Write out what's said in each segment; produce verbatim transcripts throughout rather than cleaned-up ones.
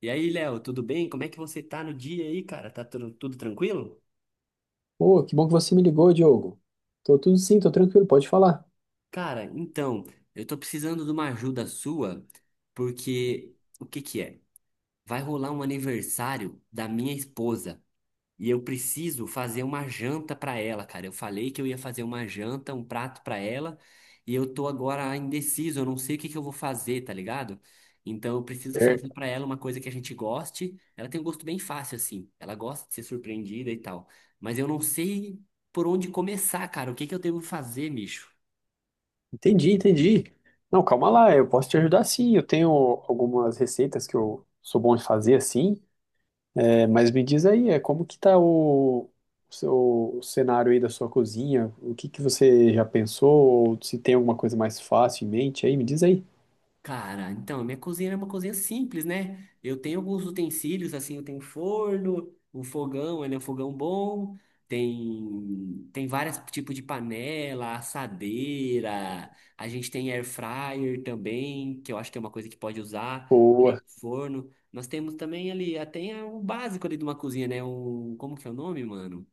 E aí, Léo, tudo bem? Como é que você tá no dia aí, cara? Tá tudo, tudo tranquilo? Pô, que bom que você me ligou, Diogo. Tô tudo sim, tô tranquilo, pode falar. Cara, então, eu tô precisando de uma ajuda sua, porque o que que é? Vai rolar um aniversário da minha esposa. E eu preciso fazer uma janta para ela, cara. Eu falei que eu ia fazer uma janta, um prato para ela, e eu tô agora indeciso, eu não sei o que que eu vou fazer, tá ligado? Então eu preciso fazer Certo. para ela uma coisa que a gente goste. Ela tem um gosto bem fácil assim. Ela gosta de ser surpreendida e tal. Mas eu não sei por onde começar, cara. O que que eu devo fazer, bicho? Entendi, entendi. Não, calma lá, eu posso te ajudar sim. Eu tenho algumas receitas que eu sou bom de fazer assim. É, mas me diz aí, é como que tá o, o seu o cenário aí da sua cozinha? O que que você já pensou? Ou se tem alguma coisa mais fácil em mente aí, me diz aí. Cara, então, minha cozinha é uma cozinha simples, né? Eu tenho alguns utensílios, assim, eu tenho um forno, um fogão, ele é um fogão bom, tem, tem vários tipos de panela, assadeira, a gente tem air fryer também, que eu acho que é uma coisa que pode usar, além Boa. do forno. Nós temos também ali, até o básico ali de uma cozinha, né? Um, como que é o nome, mano?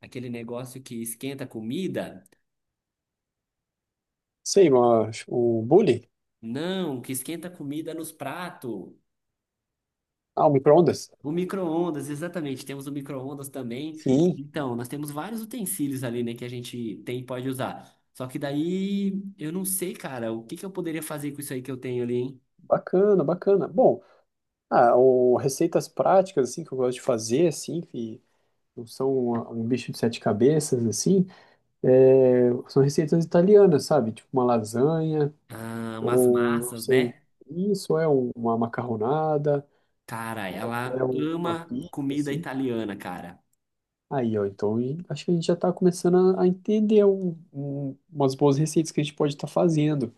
Aquele negócio que esquenta a comida? Sei, mas o bule? Não, que esquenta a comida nos pratos. Ah, o micro-ondas? O micro-ondas, exatamente. Temos o micro-ondas também. Sim, Então, nós temos vários utensílios ali, né, que a gente tem e pode usar. Só que daí, eu não sei, cara, o que que eu poderia fazer com isso aí que eu tenho ali, hein? bacana, bacana. Bom, ah, ou receitas práticas, assim, que eu gosto de fazer, assim, que não são uma- um bicho de sete cabeças, assim, é, são receitas italianas, sabe? Tipo uma lasanha, Ah, umas ou não massas, sei, né? isso é um- uma macarronada, Cara, ou até ela um- uma ama pizza, comida assim. italiana, cara. Aí, ó, então e- acho que a gente já tá começando a, a entender um- um- umas boas receitas que a gente pode estar fazendo.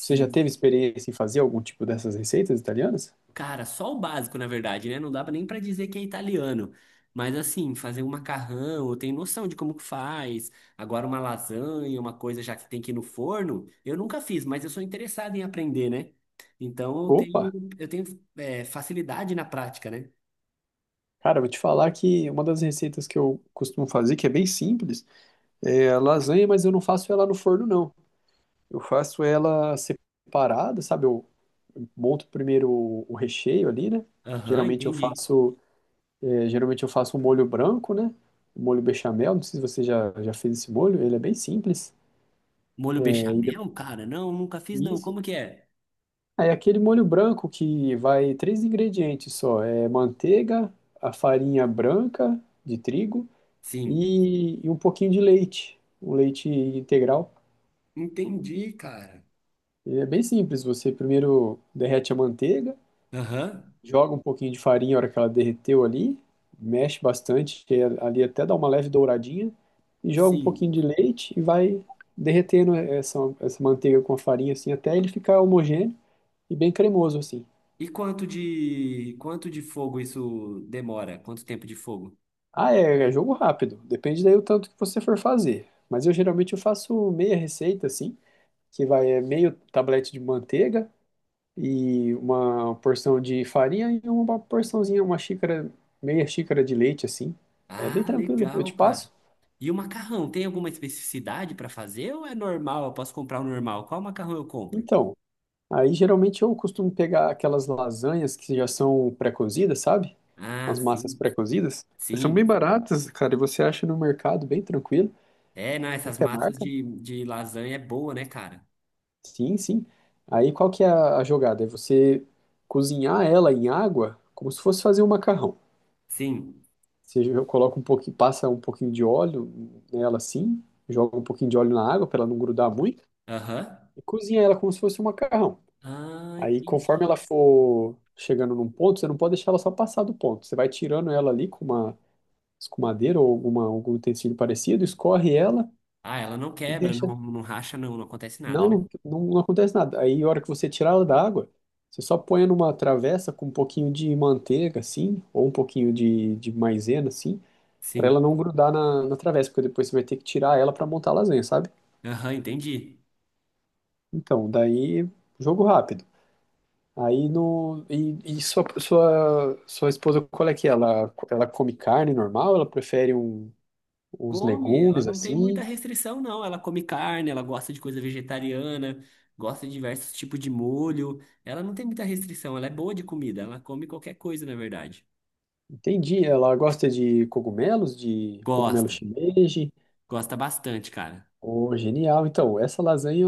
Você já teve experiência em fazer algum tipo dessas receitas italianas? Cara, só o básico, na verdade, né? Não dá nem pra dizer que é italiano. Mas assim, fazer um macarrão, eu tenho noção de como que faz. Agora uma lasanha, uma coisa já que tem que ir no forno, eu nunca fiz, mas eu sou interessado em aprender, né? Então eu Opa! tenho, eu tenho é, facilidade na prática, né? Cara, eu vou te falar que uma das receitas que eu costumo fazer, que é bem simples, é a lasanha, mas eu não faço ela no forno, não. Eu faço ela separada, sabe? Eu monto primeiro o o recheio ali, né? Aham, Geralmente eu entendi. faço, é, geralmente eu faço um molho branco, né? Um molho bechamel, não sei se você já, já fez esse molho, ele é bem simples. Molho É, e depois bechamel, cara? Não, nunca fiz, não. disso, Como que é? é aquele molho branco que vai três ingredientes só, é manteiga, a farinha branca de trigo Sim. e, e um pouquinho de leite, um leite integral. Entendi, cara. E é bem simples, você primeiro derrete a manteiga, Aham. joga um pouquinho de farinha na hora que ela derreteu ali, mexe bastante, que é ali até dá uma leve douradinha, e joga um pouquinho Sim. de leite e vai derretendo essa, essa manteiga com a farinha assim até ele ficar homogêneo e bem cremoso assim. E quanto de quanto de fogo isso demora? Quanto tempo de fogo? Ah, é, é jogo rápido, depende daí o tanto que você for fazer. Mas eu geralmente eu faço meia receita assim, que vai é meio tablete de manteiga, e uma porção de farinha e uma porçãozinha, uma xícara, meia xícara de leite, assim. É bem Ah, tranquilo, eu legal, te cara. passo. E o macarrão, tem alguma especificidade para fazer ou é normal? Eu posso comprar o normal? Qual macarrão eu compro? Então, aí geralmente eu costumo pegar aquelas lasanhas que já são pré-cozidas, sabe? Ah, As massas sim, pré-cozidas. Elas são bem sim. baratas, cara, e você acha no mercado bem tranquilo, É, não, essas qualquer massas marca. de, de lasanha é boa, né, cara? Sim, sim. Aí qual que é a a jogada? É você cozinhar ela em água como se fosse fazer um macarrão. Sim. Você jo- coloca um pouquinho, passa um pouquinho de óleo nela assim, joga um pouquinho de óleo na água para ela não grudar muito Aham. e cozinha ela como se fosse um macarrão. Ah, Aí, conforme entendi. ela for chegando num ponto, você não pode deixar ela só passar do ponto. Você vai tirando ela ali com uma escumadeira ou alguma, algum utensílio parecido, escorre ela Ah, ela não e quebra, deixa. não, não racha, não, não acontece nada, Não, né? não, não, não acontece nada. Aí, a hora que você tirar ela da água, você só põe numa travessa com um pouquinho de manteiga, assim, ou um pouquinho de, de maisena, assim. Pra ela Sim. não grudar na, na travessa, porque depois você vai ter que tirar ela pra montar a lasanha, sabe? Aham, entendi. Então, daí, jogo rápido. Aí no. E, e sua, sua, sua esposa, qual é que é? Ela, ela come carne normal? Ela prefere um, uns Come, ela legumes não tem muita assim? restrição, não. Ela come carne, ela gosta de coisa vegetariana, gosta de diversos tipos de molho. Ela não tem muita restrição, ela é boa de comida, ela come qualquer coisa, na verdade. Entendi. Ela gosta de cogumelos, de cogumelo Gosta, shimeji. gosta bastante, cara. Oh, genial. Então, essa lasanha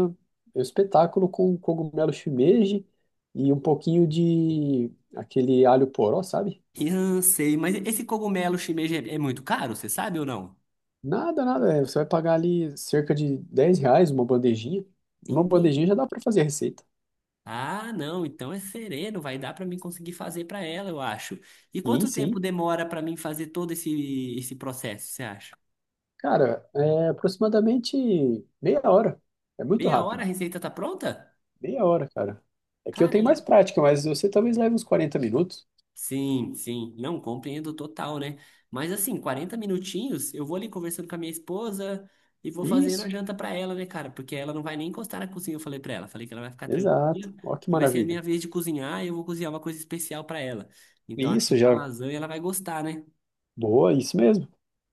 é um espetáculo com cogumelo shimeji e um pouquinho de aquele alho poró, sabe? Eu sei, mas esse cogumelo shimeji é é muito caro, você sabe ou não? Nada, nada. é, Você vai pagar ali cerca de dez reais uma bandejinha. E uma Entendi. bandejinha já dá para fazer a receita. Ah, não, então é sereno, vai dar pra mim conseguir fazer pra ela, eu acho. E Sim, quanto tempo sim. demora pra mim fazer todo esse, esse processo, você acha? Cara, é aproximadamente meia hora. É muito Meia hora a rápido. receita tá pronta? Meia hora, cara. É que eu Cara, tenho ela é mais prática, mas você talvez leve uns quarenta minutos. Sim, sim. Não, compreendo total, né? Mas assim, quarenta minutinhos, eu vou ali conversando com a minha esposa e vou fazendo a Isso, janta pra ela, né, cara? Porque ela não vai nem encostar na cozinha, eu falei pra ela. Falei que ela vai ficar exato. tranquila, Ó que que vai ser a minha maravilha. vez de cozinhar e eu vou cozinhar uma coisa especial pra ela. Então acho que Isso essa já. lasanha ela vai gostar, né? Boa, isso mesmo.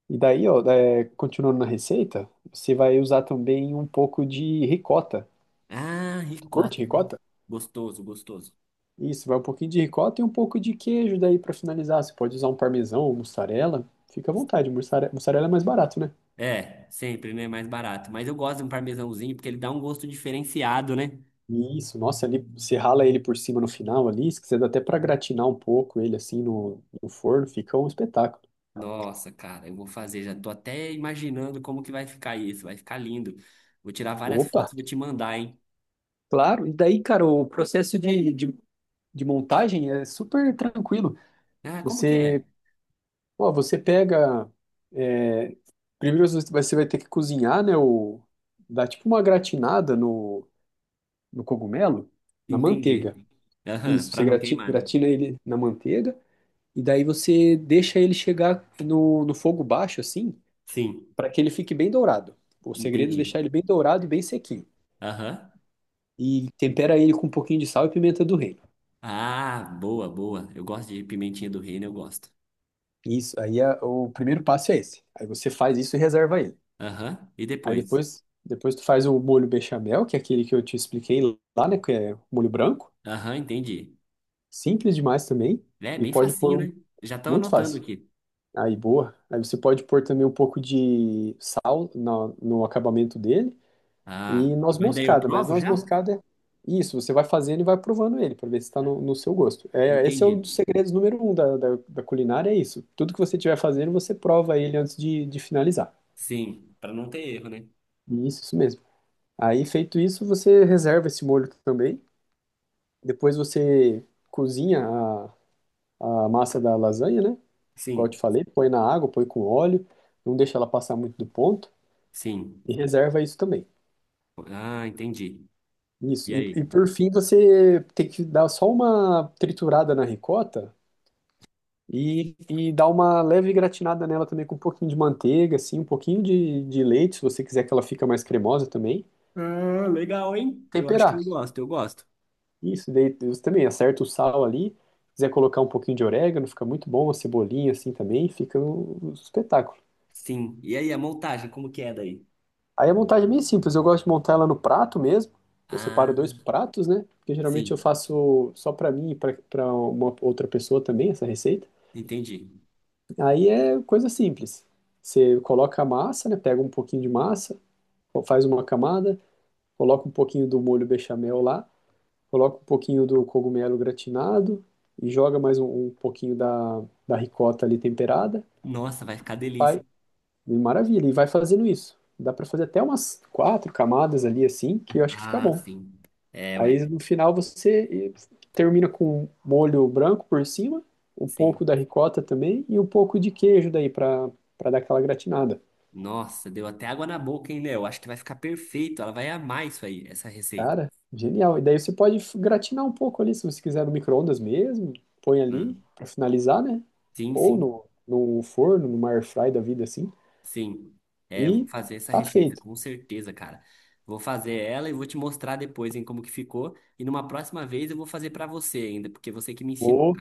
E daí, ó, é, continuando na receita, você vai usar também um pouco de ricota. Ah, Tu curte ricota, não. ricota? Gostoso, gostoso. Isso, vai um pouquinho de ricota e um pouco de queijo daí pra finalizar. Você pode usar um parmesão ou mussarela. Fica à vontade, mussare- mussarela é mais barato, né? É, sempre, né? Mais barato. Mas eu gosto de um parmesãozinho porque ele dá um gosto diferenciado, né? Isso, nossa, ali você rala ele por cima no final ali, se quiser dá até pra gratinar um pouco ele assim no, no forno, fica um espetáculo. Nossa, cara, eu vou fazer, já tô até imaginando como que vai ficar isso, vai ficar lindo. Vou tirar várias Opa, fotos e vou te mandar, hein? claro. E daí, cara, o processo de, de, de montagem é super tranquilo. Ah, como que Você, é? ó, você pega. é, primeiro você vai você vai ter que cozinhar, né? O, dá tipo uma gratinada no, no cogumelo, na Entendi. manteiga. Aham, Isso, pra você não grati- queimar, né? gratina ele na manteiga e daí você deixa ele chegar no, no fogo baixo, assim, Sim, para que ele fique bem dourado. O segredo é entendi. deixar ele bem dourado e bem sequinho. Aham. E tempera ele com um pouquinho de sal e pimenta do reino. Ah, boa, boa. Eu gosto de pimentinha do reino, eu gosto. Isso, aí é- o primeiro passo é esse. Aí você faz isso e reserva ele. Aham, e Aí depois? depois, depois tu faz o molho bechamel, que é aquele que eu te expliquei lá, né, que é molho branco. Aham, entendi. Simples demais também É, e bem pode pôr facinho, um, né? Já tô muito anotando fácil. aqui. Aí, boa. Aí você pode pôr também um pouco de sal na- no acabamento dele Ah, e noz mas daí eu moscada, mas provo noz já? moscada é isso, você vai fazendo e vai provando ele para ver se está no, no seu gosto. É, esse é Entendi. um dos segredos número um da, da, da culinária, é isso. Tudo que você estiver fazendo, você prova ele antes de, de finalizar. Sim, pra não ter erro, né? Isso, isso mesmo. Aí, feito isso, você reserva esse molho também. Depois você cozinha a, a massa da lasanha, né? Qual eu te Sim, falei, põe na água, põe com óleo, não deixa ela passar muito do ponto. sim. E reserva isso também. Ah, entendi. Isso. E E, aí? e por fim, você tem que dar só uma triturada na ricota e, e dar uma leve gratinada nela também com um pouquinho de manteiga, assim, um pouquinho de, de leite, se você quiser que ela fica mais cremosa também. Ah, legal, hein? Eu acho que Temperar. eu gosto, eu gosto. Isso, daí você também acerta o sal ali. Se quiser colocar um pouquinho de orégano, fica muito bom, uma cebolinha assim também, fica um um espetáculo. Sim. E aí, a montagem, como que é daí? Aí a montagem é bem simples, eu gosto de montar ela no prato mesmo. Eu separo dois Ah, pratos, né? Porque geralmente eu sim, faço só pra mim e pra, pra uma outra pessoa também essa receita. entendi. Aí é coisa simples. Você coloca a massa, né? Pega um pouquinho de massa, faz uma camada, coloca um pouquinho do molho bechamel lá, coloca um pouquinho do cogumelo gratinado e joga mais um, um pouquinho da, da ricota ali temperada. Nossa, vai ficar delícia, hein? E maravilha, e vai fazendo isso. Dá pra fazer até umas quatro camadas ali assim, que eu acho que fica Ah, bom. sim. É, Aí ué. no final você termina com um molho branco por cima, um Sim. pouco da ricota também e um pouco de queijo daí para para dar aquela gratinada. Nossa, deu até água na boca, hein, Léo? Acho que vai ficar perfeito. Ela vai amar isso aí, essa receita. Cara, genial. E daí você pode gratinar um pouco ali, se você quiser no micro-ondas mesmo, põe ali Ah, para finalizar, né? Sim, Ou sim, no, no forno, numa air fry da vida assim, sim. É, eu vou e fazer essa tá receita, feito. com certeza, cara. Vou fazer ela e vou te mostrar depois, hein, como que ficou. E numa próxima vez eu vou fazer pra você ainda, porque você que me ensinou. Ô,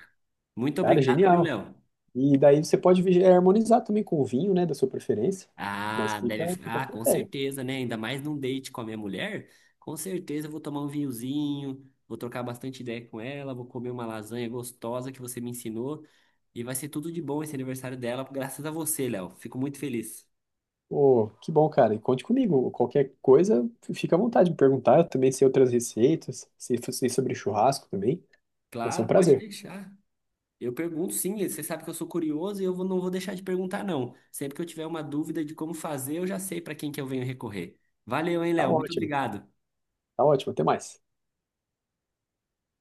Muito cara, obrigado, viu, genial. Léo? E daí você pode vi- harmonizar também com o vinho, né, da sua preferência, mas Ah, fica, deve. fica a Ah, com critério. certeza, né? Ainda mais num date com a minha mulher. Com certeza eu vou tomar um vinhozinho, vou trocar bastante ideia com ela, vou comer uma lasanha gostosa que você me ensinou. E vai ser tudo de bom esse aniversário dela, graças a você, Léo. Fico muito feliz. Pô, que bom, cara. E conte comigo. Qualquer coisa, fica à vontade de me perguntar. Eu também sei outras receitas, sei, sei sobre churrasco também. Vai ser um Claro, pode prazer. deixar. Eu pergunto sim, você sabe que eu sou curioso e eu vou- não vou deixar de perguntar, não. Sempre que eu tiver uma dúvida de como fazer, eu já sei para quem que eu venho recorrer. Valeu, hein, Tá Léo? Muito ótimo. obrigado. Tá ótimo. Até mais.